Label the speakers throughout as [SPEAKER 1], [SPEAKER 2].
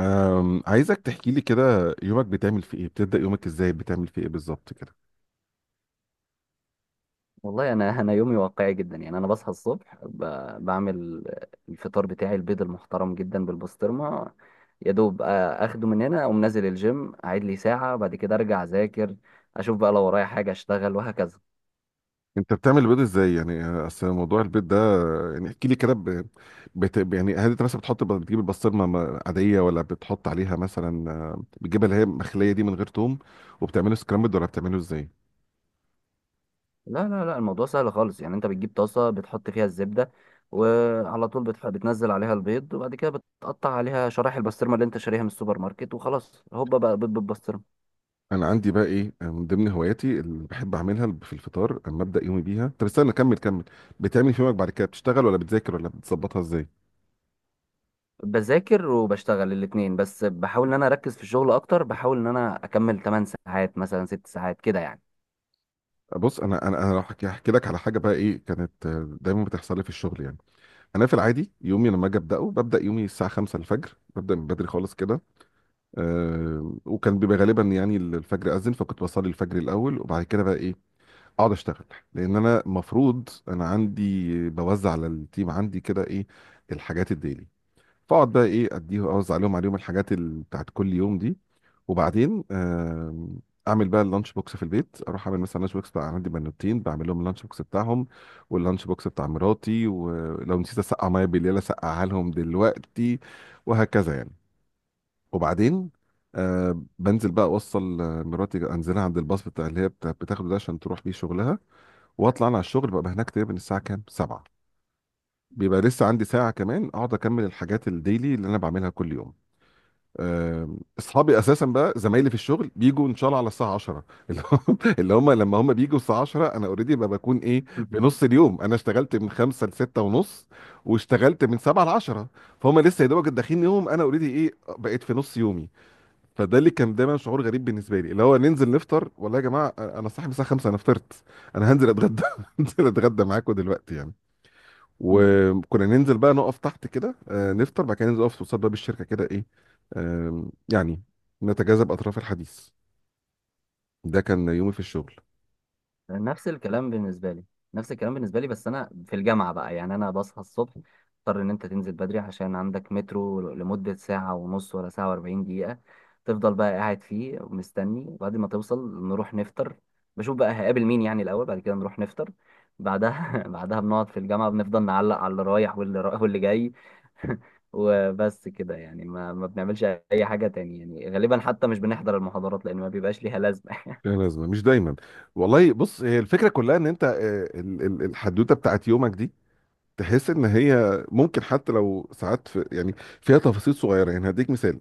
[SPEAKER 1] عايزك تحكي لي كده يومك بتعمل فيه ايه، بتبدأ يومك ازاي، بتعمل فيه ايه بالظبط كده؟
[SPEAKER 2] والله انا يومي واقعي جدا، يعني انا بصحى الصبح بعمل الفطار بتاعي، البيض المحترم جدا بالبسطرمه. يا دوب اخده من هنا، اقوم نازل الجيم، اعيد لي ساعه، بعد كده ارجع اذاكر، اشوف بقى لو ورايا حاجه اشتغل وهكذا.
[SPEAKER 1] انت بتعمل البيض ازاي يعني؟ اصل موضوع البيض ده يعني احكي لي كده يعني هل انت مثلا بتحط بتجيب البسطرمه عاديه ولا بتحط عليها مثلا بتجيبها اللي هي مخليه دي من غير توم، وبتعمله سكرامبل ولا بتعمله ازاي؟
[SPEAKER 2] لا لا لا، الموضوع سهل خالص، يعني انت بتجيب طاسه، بتحط فيها الزبده، وعلى طول بتنزل عليها البيض، وبعد كده بتقطع عليها شرايح البسطرمه اللي انت شاريها من السوبر ماركت، وخلاص هوبا بقى بيض بالبسطرمه.
[SPEAKER 1] انا عندي بقى ايه من ضمن هواياتي اللي بحب اعملها في الفطار اما ابدا يومي بيها. طب استنى كمل كمل. بتعمل في يومك بعد كده بتشتغل ولا بتذاكر ولا بتظبطها ازاي؟
[SPEAKER 2] بذاكر وبشتغل الاتنين، بس بحاول ان انا اركز في الشغل اكتر، بحاول ان انا اكمل 8 ساعات، مثلا 6 ساعات كده يعني.
[SPEAKER 1] بص انا انا لو هحكي هحكي لك على حاجه بقى ايه كانت دايما بتحصل لي في الشغل يعني. انا في العادي يومي لما اجي ابداه ببدا يومي الساعه 5 الفجر، ببدا من بدري خالص كده. أه، وكان بيبقى غالبا يعني الفجر اذن، فكنت بصلي الفجر الاول، وبعد كده بقى ايه اقعد اشتغل، لان انا مفروض انا عندي بوزع على التيم عندي كده ايه الحاجات الديلي. فاقعد بقى ايه اديه اوزع عليهم الحاجات بتاعت كل يوم دي. وبعدين اعمل بقى اللانش بوكس في البيت، اروح اعمل مثلا لانش بوكس، بقى عندي بنوتين بعمل لهم اللانش بوكس بتاعهم، واللانش بوكس بتاع مراتي، ولو نسيت اسقع ميه بالليل اسقعها لهم دلوقتي، وهكذا يعني. وبعدين آه، بنزل بقى اوصل مراتي، انزلها عند الباص بتاع اللي هي بتاخده ده عشان تروح بيه شغلها. واطلع انا على الشغل، ببقى هناك تقريبا الساعه كام؟ 7. بيبقى لسه عندي ساعه كمان اقعد اكمل الحاجات الديلي اللي انا بعملها كل يوم. اصحابي اساسا بقى زمايلي في الشغل بيجوا ان شاء الله على الساعه 10. اللي هم اللي هم لما هم بيجوا الساعه 10 انا اوريدي بكون ايه؟ في نص اليوم، انا اشتغلت من 5 ل 6 ونص، واشتغلت من 7 ل 10، فهم لسه يا دوبك داخلين يوم، انا اوريدي ايه بقيت في نص يومي. فده اللي كان دايما شعور غريب بالنسبه لي، اللي هو ننزل نفطر، والله يا جماعه انا صاحي من الساعه 5، انا فطرت، انا هنزل اتغدى هنزل اتغدى معاكم دلوقتي يعني. وكنا ننزل بقى نقف تحت كده نفطر، بعد كده ننزل نقف قصاد باب الشركه كده ايه يعني نتجاذب اطراف الحديث. ده كان يومي في الشغل.
[SPEAKER 2] نفس الكلام بالنسبه لي. نفس الكلام بالنسبه لي، بس انا في الجامعه بقى. يعني انا بصحى الصبح، اضطر ان انت تنزل بدري عشان عندك مترو لمده ساعه ونص، ولا ساعه و40 دقيقه، تفضل بقى قاعد فيه ومستني. وبعد ما توصل نروح نفطر، بشوف بقى هقابل مين يعني الاول، بعد كده نروح نفطر. بعدها بعدها بنقعد في الجامعه، بنفضل نعلق على اللي رايح واللي واللي جاي. وبس كده، يعني ما بنعملش اي حاجه تاني، يعني غالبا حتى مش بنحضر المحاضرات لان ما بيبقاش ليها لازمه.
[SPEAKER 1] لا لازمه مش دايما. والله بص، هي الفكره كلها ان انت الحدوته بتاعت يومك دي، تحس ان هي ممكن حتى لو ساعات في يعني فيها تفاصيل صغيره يعني. هديك مثال،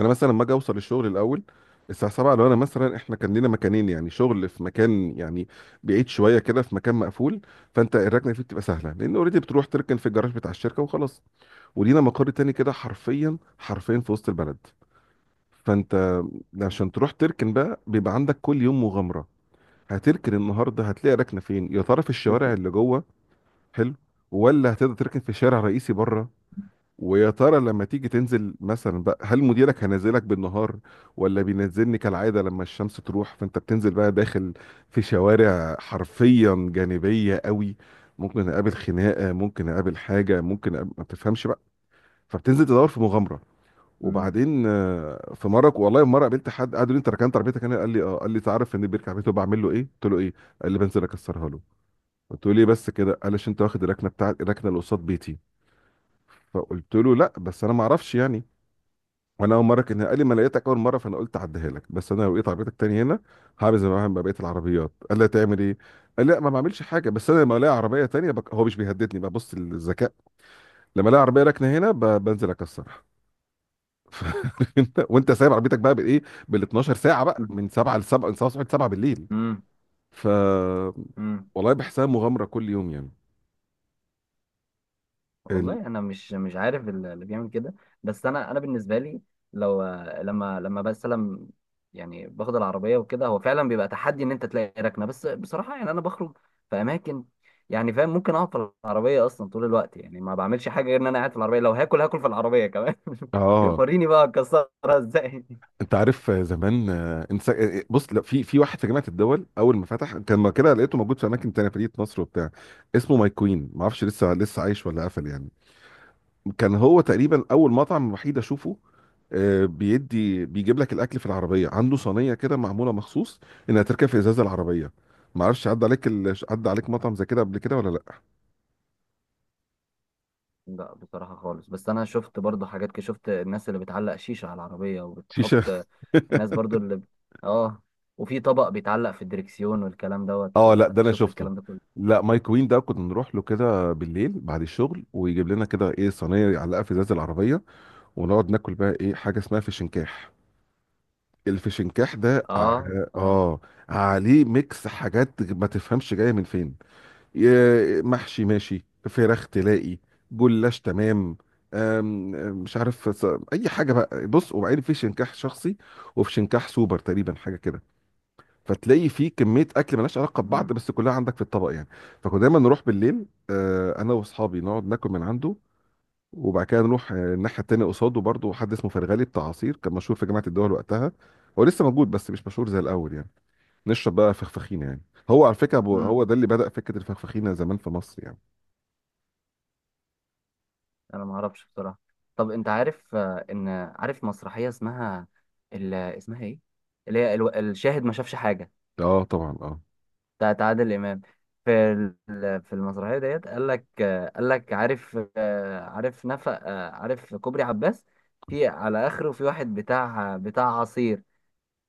[SPEAKER 1] انا مثلا لما اجي اوصل الشغل الاول الساعه 7، لو انا مثلا احنا كان لنا مكانين يعني، شغل في مكان يعني بعيد شويه كده في مكان مقفول، فانت الركنه فيه بتبقى سهله لان اوريدي بتروح تركن في الجراج بتاع الشركه وخلاص. ولينا مقر تاني كده حرفيا حرفيا في وسط البلد، فانت عشان تروح تركن بقى بيبقى عندك كل يوم مغامره. هتركن النهارده هتلاقي ركنه فين يا ترى؟ في الشوارع اللي جوه حلو، ولا هتقدر تركن في شارع رئيسي بره؟ ويا ترى لما تيجي تنزل مثلا بقى، هل مديرك هنزلك بالنهار ولا بينزلني كالعادة لما الشمس تروح؟ فانت بتنزل بقى داخل في شوارع حرفيا جانبية قوي، ممكن اقابل خناقة، ممكن اقابل حاجة، ممكن أقابل ما بتفهمش بقى. فبتنزل تدور في مغامرة.
[SPEAKER 2] مم.
[SPEAKER 1] وبعدين في مرة والله، مرة قابلت حد قعد يقول لي: انت ركنت عربيتك هنا؟ قال لي: اه. قال لي: تعرف ان بيركب عربيته بعمل له ايه؟ قلت له: ايه؟ قال لي: بنزل اكسرها له. قلت له: ليه بس كده؟ قال لي: عشان انت واخد الركنه بتاعت الركنه اللي قصاد بيتي. فقلت له: لا بس انا ما اعرفش يعني، وانا اول مره. كان قال لي: ما لقيتك اول مره فانا قلت اعديها لك، بس انا لو لقيت عربيتك تاني هنا هعمل زي ما بعمل مع بقيه العربيات. قال لي: تعمل ايه؟ قال لي: لا ما بعملش حاجه، بس انا لما الاقي عربيه تانيه هو مش بيهددني، ببص الذكاء، لما الاقي عربيه راكنه هنا بنزل اكسرها. وانت سايب عربيتك بقى بالايه؟ بال 12 ساعه بقى، من 7 ل 7، من 7 ل 7 بالليل.
[SPEAKER 2] مم.
[SPEAKER 1] ف
[SPEAKER 2] امم
[SPEAKER 1] والله بحسها مغامره كل يوم يعني. ال...
[SPEAKER 2] والله انا مش عارف اللي بيعمل كده. بس انا بالنسبه لي، لو لما لما بسلم، يعني باخد العربيه وكده، هو فعلا بيبقى تحدي ان انت تلاقي ركنه. بس بصراحه يعني انا بخرج في اماكن، يعني فاهم، ممكن اقعد في العربيه اصلا طول الوقت، يعني ما بعملش حاجه غير ان انا قاعد في العربيه، لو هاكل في العربيه كمان.
[SPEAKER 1] اه،
[SPEAKER 2] وريني بقى اكسرها ازاي.
[SPEAKER 1] انت عارف زمان انت بص، لا في واحد في جامعه الدول، اول ما فتح كان ما كده، لقيته موجود في اماكن تانية، في مدينه نصر وبتاع، اسمه ماي كوين، ما اعرفش لسه لسه عايش ولا قفل يعني. كان هو تقريبا اول مطعم وحيد اشوفه بيدي بيجيب لك الاكل في العربيه، عنده صينيه كده معموله مخصوص انها تركب في ازاز العربيه. ما اعرفش عدى عليك عدى عليك مطعم زي كده قبل كده ولا لا؟
[SPEAKER 2] لا بصراحة خالص، بس أنا شفت برضو حاجات كده. شفت الناس اللي بتعلق شيشة على العربية
[SPEAKER 1] شيشه
[SPEAKER 2] وبتحط، الناس برضو اه، وفي طبق بيتعلق في الدركسيون والكلام دوت.
[SPEAKER 1] اه لا ده انا
[SPEAKER 2] شفت
[SPEAKER 1] شفته.
[SPEAKER 2] الكلام ده كله.
[SPEAKER 1] لا، مايك وين ده كنا نروح له كده بالليل بعد الشغل، ويجيب لنا كده ايه صينيه يعلقها في ازاز العربيه، ونقعد ناكل بقى ايه حاجه اسمها فشنكاح. الفشنكاح ده
[SPEAKER 2] اه، اه.
[SPEAKER 1] اه عليه ميكس حاجات ما تفهمش جايه من فين، محشي ماشي، فراخ تلاقي، جلاش، تمام، أم- مش عارف اي حاجه بقى، بص. وبعدين في شنكاح شخصي، وفي شنكاح سوبر تقريبا حاجه كده، فتلاقي فيه كميه اكل ملهاش علاقه ببعض
[SPEAKER 2] امم
[SPEAKER 1] بس كلها عندك في الطبق يعني. فكنا دايما نروح بالليل انا واصحابي نقعد ناكل من عنده، وبعد كده نروح الناحيه التانيه قصاده برضه حد اسمه فرغالي بتاع عصير، كان مشهور في جامعه الدول وقتها، هو لسه موجود بس مش مشهور زي الاول يعني. نشرب بقى فخفخينه يعني. هو على فكره
[SPEAKER 2] امم
[SPEAKER 1] هو ده اللي بدأ فكره الفخفخينه زمان في مصر يعني.
[SPEAKER 2] أنا ما أعرفش بصراحة. طب أنت عارف إن عارف مسرحية اسمها، اسمها إيه؟ اللي هي الشاهد ما شافش حاجة،
[SPEAKER 1] اه طبعا اه.
[SPEAKER 2] بتاعت عادل امام. في في المسرحيه ديت، قال لك، قال لك عارف عارف نفق، عارف كوبري عباس، في على اخره في واحد بتاع عصير.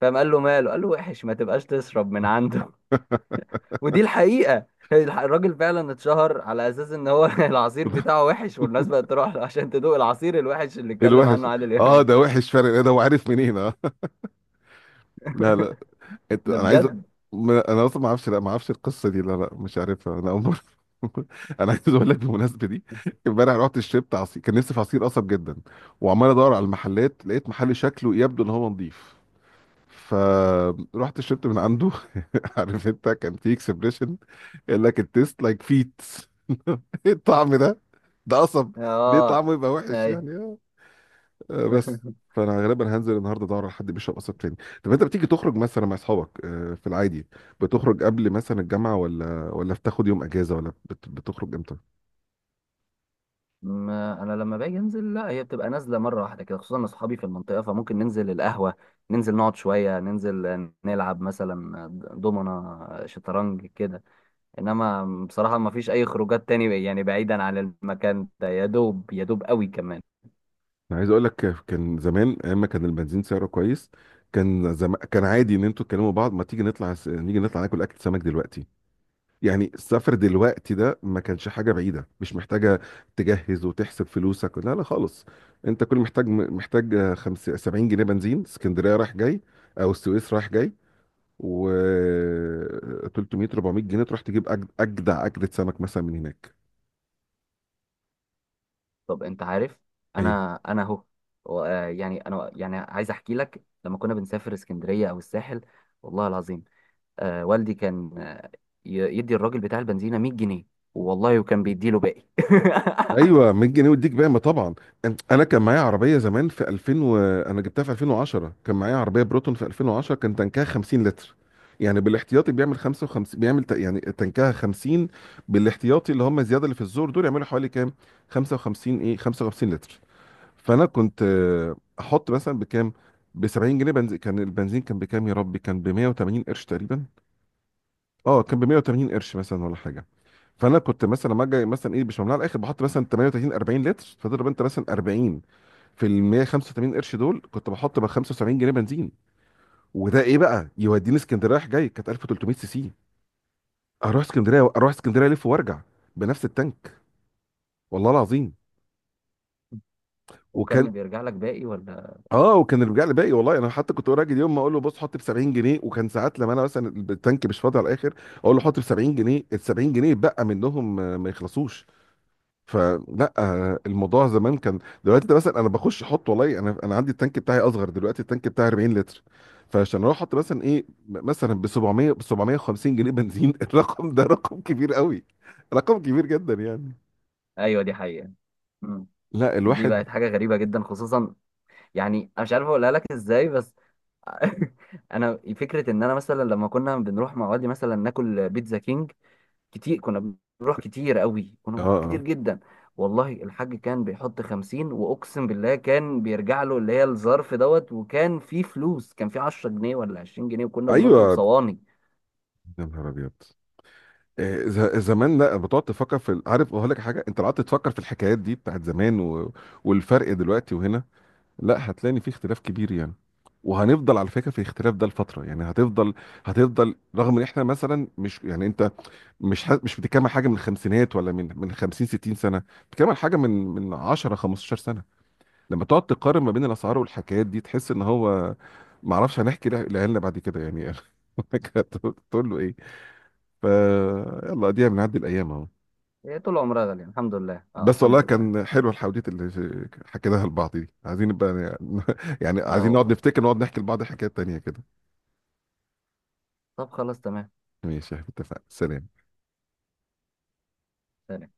[SPEAKER 2] فقام قال له ماله، قال له وحش، ما تبقاش تشرب من عنده. ودي الحقيقه. الراجل فعلا اتشهر على اساس ان هو العصير بتاعه وحش، والناس بقت تروح له عشان تدوق العصير الوحش اللي اتكلم
[SPEAKER 1] الوحش،
[SPEAKER 2] عنه عادل
[SPEAKER 1] اه
[SPEAKER 2] امام.
[SPEAKER 1] ده وحش فرق إيه ده، وعارف منين اه لا لا. انت
[SPEAKER 2] ده
[SPEAKER 1] انا عايز
[SPEAKER 2] بجد.
[SPEAKER 1] انا اصلا ما اعرفش، لا ما اعرفش القصه دي، لا لا مش عارفها، انا اول مره. انا عايز اقول لك بالمناسبه دي، امبارح رحت شربت عصير، كان نفسي في عصير قصب جدا، وعمال ادور على المحلات، لقيت محل شكله يبدو ان هو نظيف، فرحت شربت من عنده. عارف انت كان في اكسبريشن قال لك: التيست لايك فيت. الطعم ده، ده قصب، ليه
[SPEAKER 2] اه.
[SPEAKER 1] طعمه يبقى وحش
[SPEAKER 2] ايوه.
[SPEAKER 1] يعني؟ بس فانا غالبا هنزل النهارده ادور على حد بيشرب قصب تاني. طب انت بتيجي تخرج مثلا مع اصحابك في العادي، بتخرج قبل مثلا الجامعه ولا ولا بتاخد يوم اجازه ولا بتخرج امتى؟
[SPEAKER 2] ما انا لما باجي انزل، لا، هي بتبقى نازله مره واحده كده، خصوصا ان اصحابي في المنطقه، فممكن ننزل القهوه، ننزل نقعد شويه، ننزل نلعب مثلا دومنا شطرنج كده. انما بصراحه ما فيش اي خروجات تاني، يعني بعيدا عن المكان ده، يا دوب يا دوب قوي كمان.
[SPEAKER 1] انا عايز اقول لك كان زمان ايام ما كان البنزين سعره كويس، كان عادي ان انتوا تكلموا بعض: ما تيجي نطلع نيجي نطلع ناكل اكل سمك دلوقتي. يعني السفر دلوقتي ده ما كانش حاجه بعيده، مش محتاجه تجهز وتحسب فلوسك، لا لا خالص. انت كل محتاج 70 جنيه بنزين، اسكندريه رايح جاي او السويس رايح جاي، و 300 400 جنيه تروح تجيب اجدع اجدة سمك مثلا من هناك.
[SPEAKER 2] طب انت عارف،
[SPEAKER 1] ايه؟
[SPEAKER 2] انا اهو، يعني انا، يعني عايز احكي لك لما كنا بنسافر اسكندريه او الساحل، والله العظيم، والدي كان يدي الراجل بتاع البنزينة 100 جنيه، والله، وكان بيديله باقي.
[SPEAKER 1] ايوه، 100 جنيه وديك بقى طبعا. انا كان معايا عربيه زمان في 2000 و... انا جبتها في 2010، كان معايا عربيه بروتون، في 2010 كان تنكها 50 لتر، يعني بالاحتياطي بيعمل 55 بيعمل يعني تنكها 50 بالاحتياطي، اللي هم الزياده اللي في الزور دول يعملوا حوالي كام؟ 55. ايه، 55 لتر. فانا كنت احط مثلا بكام؟ ب 70 جنيه بنزين. كان البنزين كان بكام يا ربي؟ كان ب 180 قرش تقريبا. اه كان ب 180 قرش مثلا ولا حاجه. فانا كنت مثلا لما اجي مثلا ايه، مش ممنوع على الاخر، بحط مثلا 38 40 لتر، فتضرب انت مثلا 40 في ال 185 قرش دول، كنت بحط بقى 75 جنيه بنزين. وده ايه بقى يوديني اسكندريه رايح جاي. كانت 1300 سي سي، اروح اسكندريه، اروح اسكندريه الف وارجع بنفس التانك، والله العظيم. وكان
[SPEAKER 2] وكان بيرجع لك باقي ولا؟
[SPEAKER 1] اه، وكان الرجاع لي باقي، والله انا حتى كنت راجل يوم ما اقول له: بص حط ب 70 جنيه، وكان ساعات لما انا مثلا التانك مش فاضي على الاخر اقول له حط ب 70 جنيه، ال 70 جنيه بقى منهم ما يخلصوش. فلا الموضوع زمان كان، دلوقتي ده مثلا انا بخش احط، والله انا عندي التانك بتاعي اصغر دلوقتي، التانك بتاعي 40 لتر، فعشان اروح احط مثلا ايه مثلا ب 700 ب 750 جنيه بنزين. الرقم ده رقم كبير قوي، رقم كبير جدا يعني.
[SPEAKER 2] ايوه، دي حقيقة. مم.
[SPEAKER 1] لا
[SPEAKER 2] دي
[SPEAKER 1] الواحد
[SPEAKER 2] بقت حاجة غريبة جدا، خصوصا يعني انا مش عارف اقولها لك ازاي، بس انا فكرة ان انا مثلا لما كنا بنروح مع والدي مثلا ناكل بيتزا كينج، كتير كنا بنروح، كتير قوي كنا
[SPEAKER 1] اه
[SPEAKER 2] بنروح
[SPEAKER 1] اه
[SPEAKER 2] كتير جدا. والله الحاج كان بيحط 50 واقسم بالله كان بيرجع له اللي هي الظرف دوت، وكان فيه فلوس، كان فيه 10 جنيه ولا 20 جنيه، وكنا بنطلب
[SPEAKER 1] ايوه
[SPEAKER 2] صواني.
[SPEAKER 1] يا نهار ابيض. زمان لا بتقعد تفكر في عارف اقول لك حاجه؟ انت لو قعدت تفكر في الحكايات دي بتاعت زمان و... والفرق دلوقتي وهنا، لا هتلاقي إن في اختلاف كبير يعني. وهنفضل على فكره في الاختلاف ده لفتره يعني، هتفضل هتفضل رغم ان احنا مثلا مش، يعني انت مش مش بتتكلم عن حاجه من الخمسينات ولا من 50 60 سنه، بتتكلم عن حاجه من 10 15 سنه. لما تقعد تقارن ما بين الاسعار والحكايات دي تحس ان هو، ما اعرفش هنحكي لعيالنا بعد كده يعني. تقول له ايه؟ فيلا دي بنعدي الايام اهو.
[SPEAKER 2] هي طول عمرها غالية، الحمد لله، اه،
[SPEAKER 1] بس والله
[SPEAKER 2] الحمد لله،
[SPEAKER 1] كان حلو الحواديت اللي حكيناها لبعض دي، عايزين نبقى يعني
[SPEAKER 2] اه
[SPEAKER 1] عايزين نقعد
[SPEAKER 2] والله.
[SPEAKER 1] نفتكر، نقعد نحكي لبعض حكايات تانية كده.
[SPEAKER 2] طب خلاص تمام.
[SPEAKER 1] ماشي، اتفقنا، سلام.
[SPEAKER 2] سلام.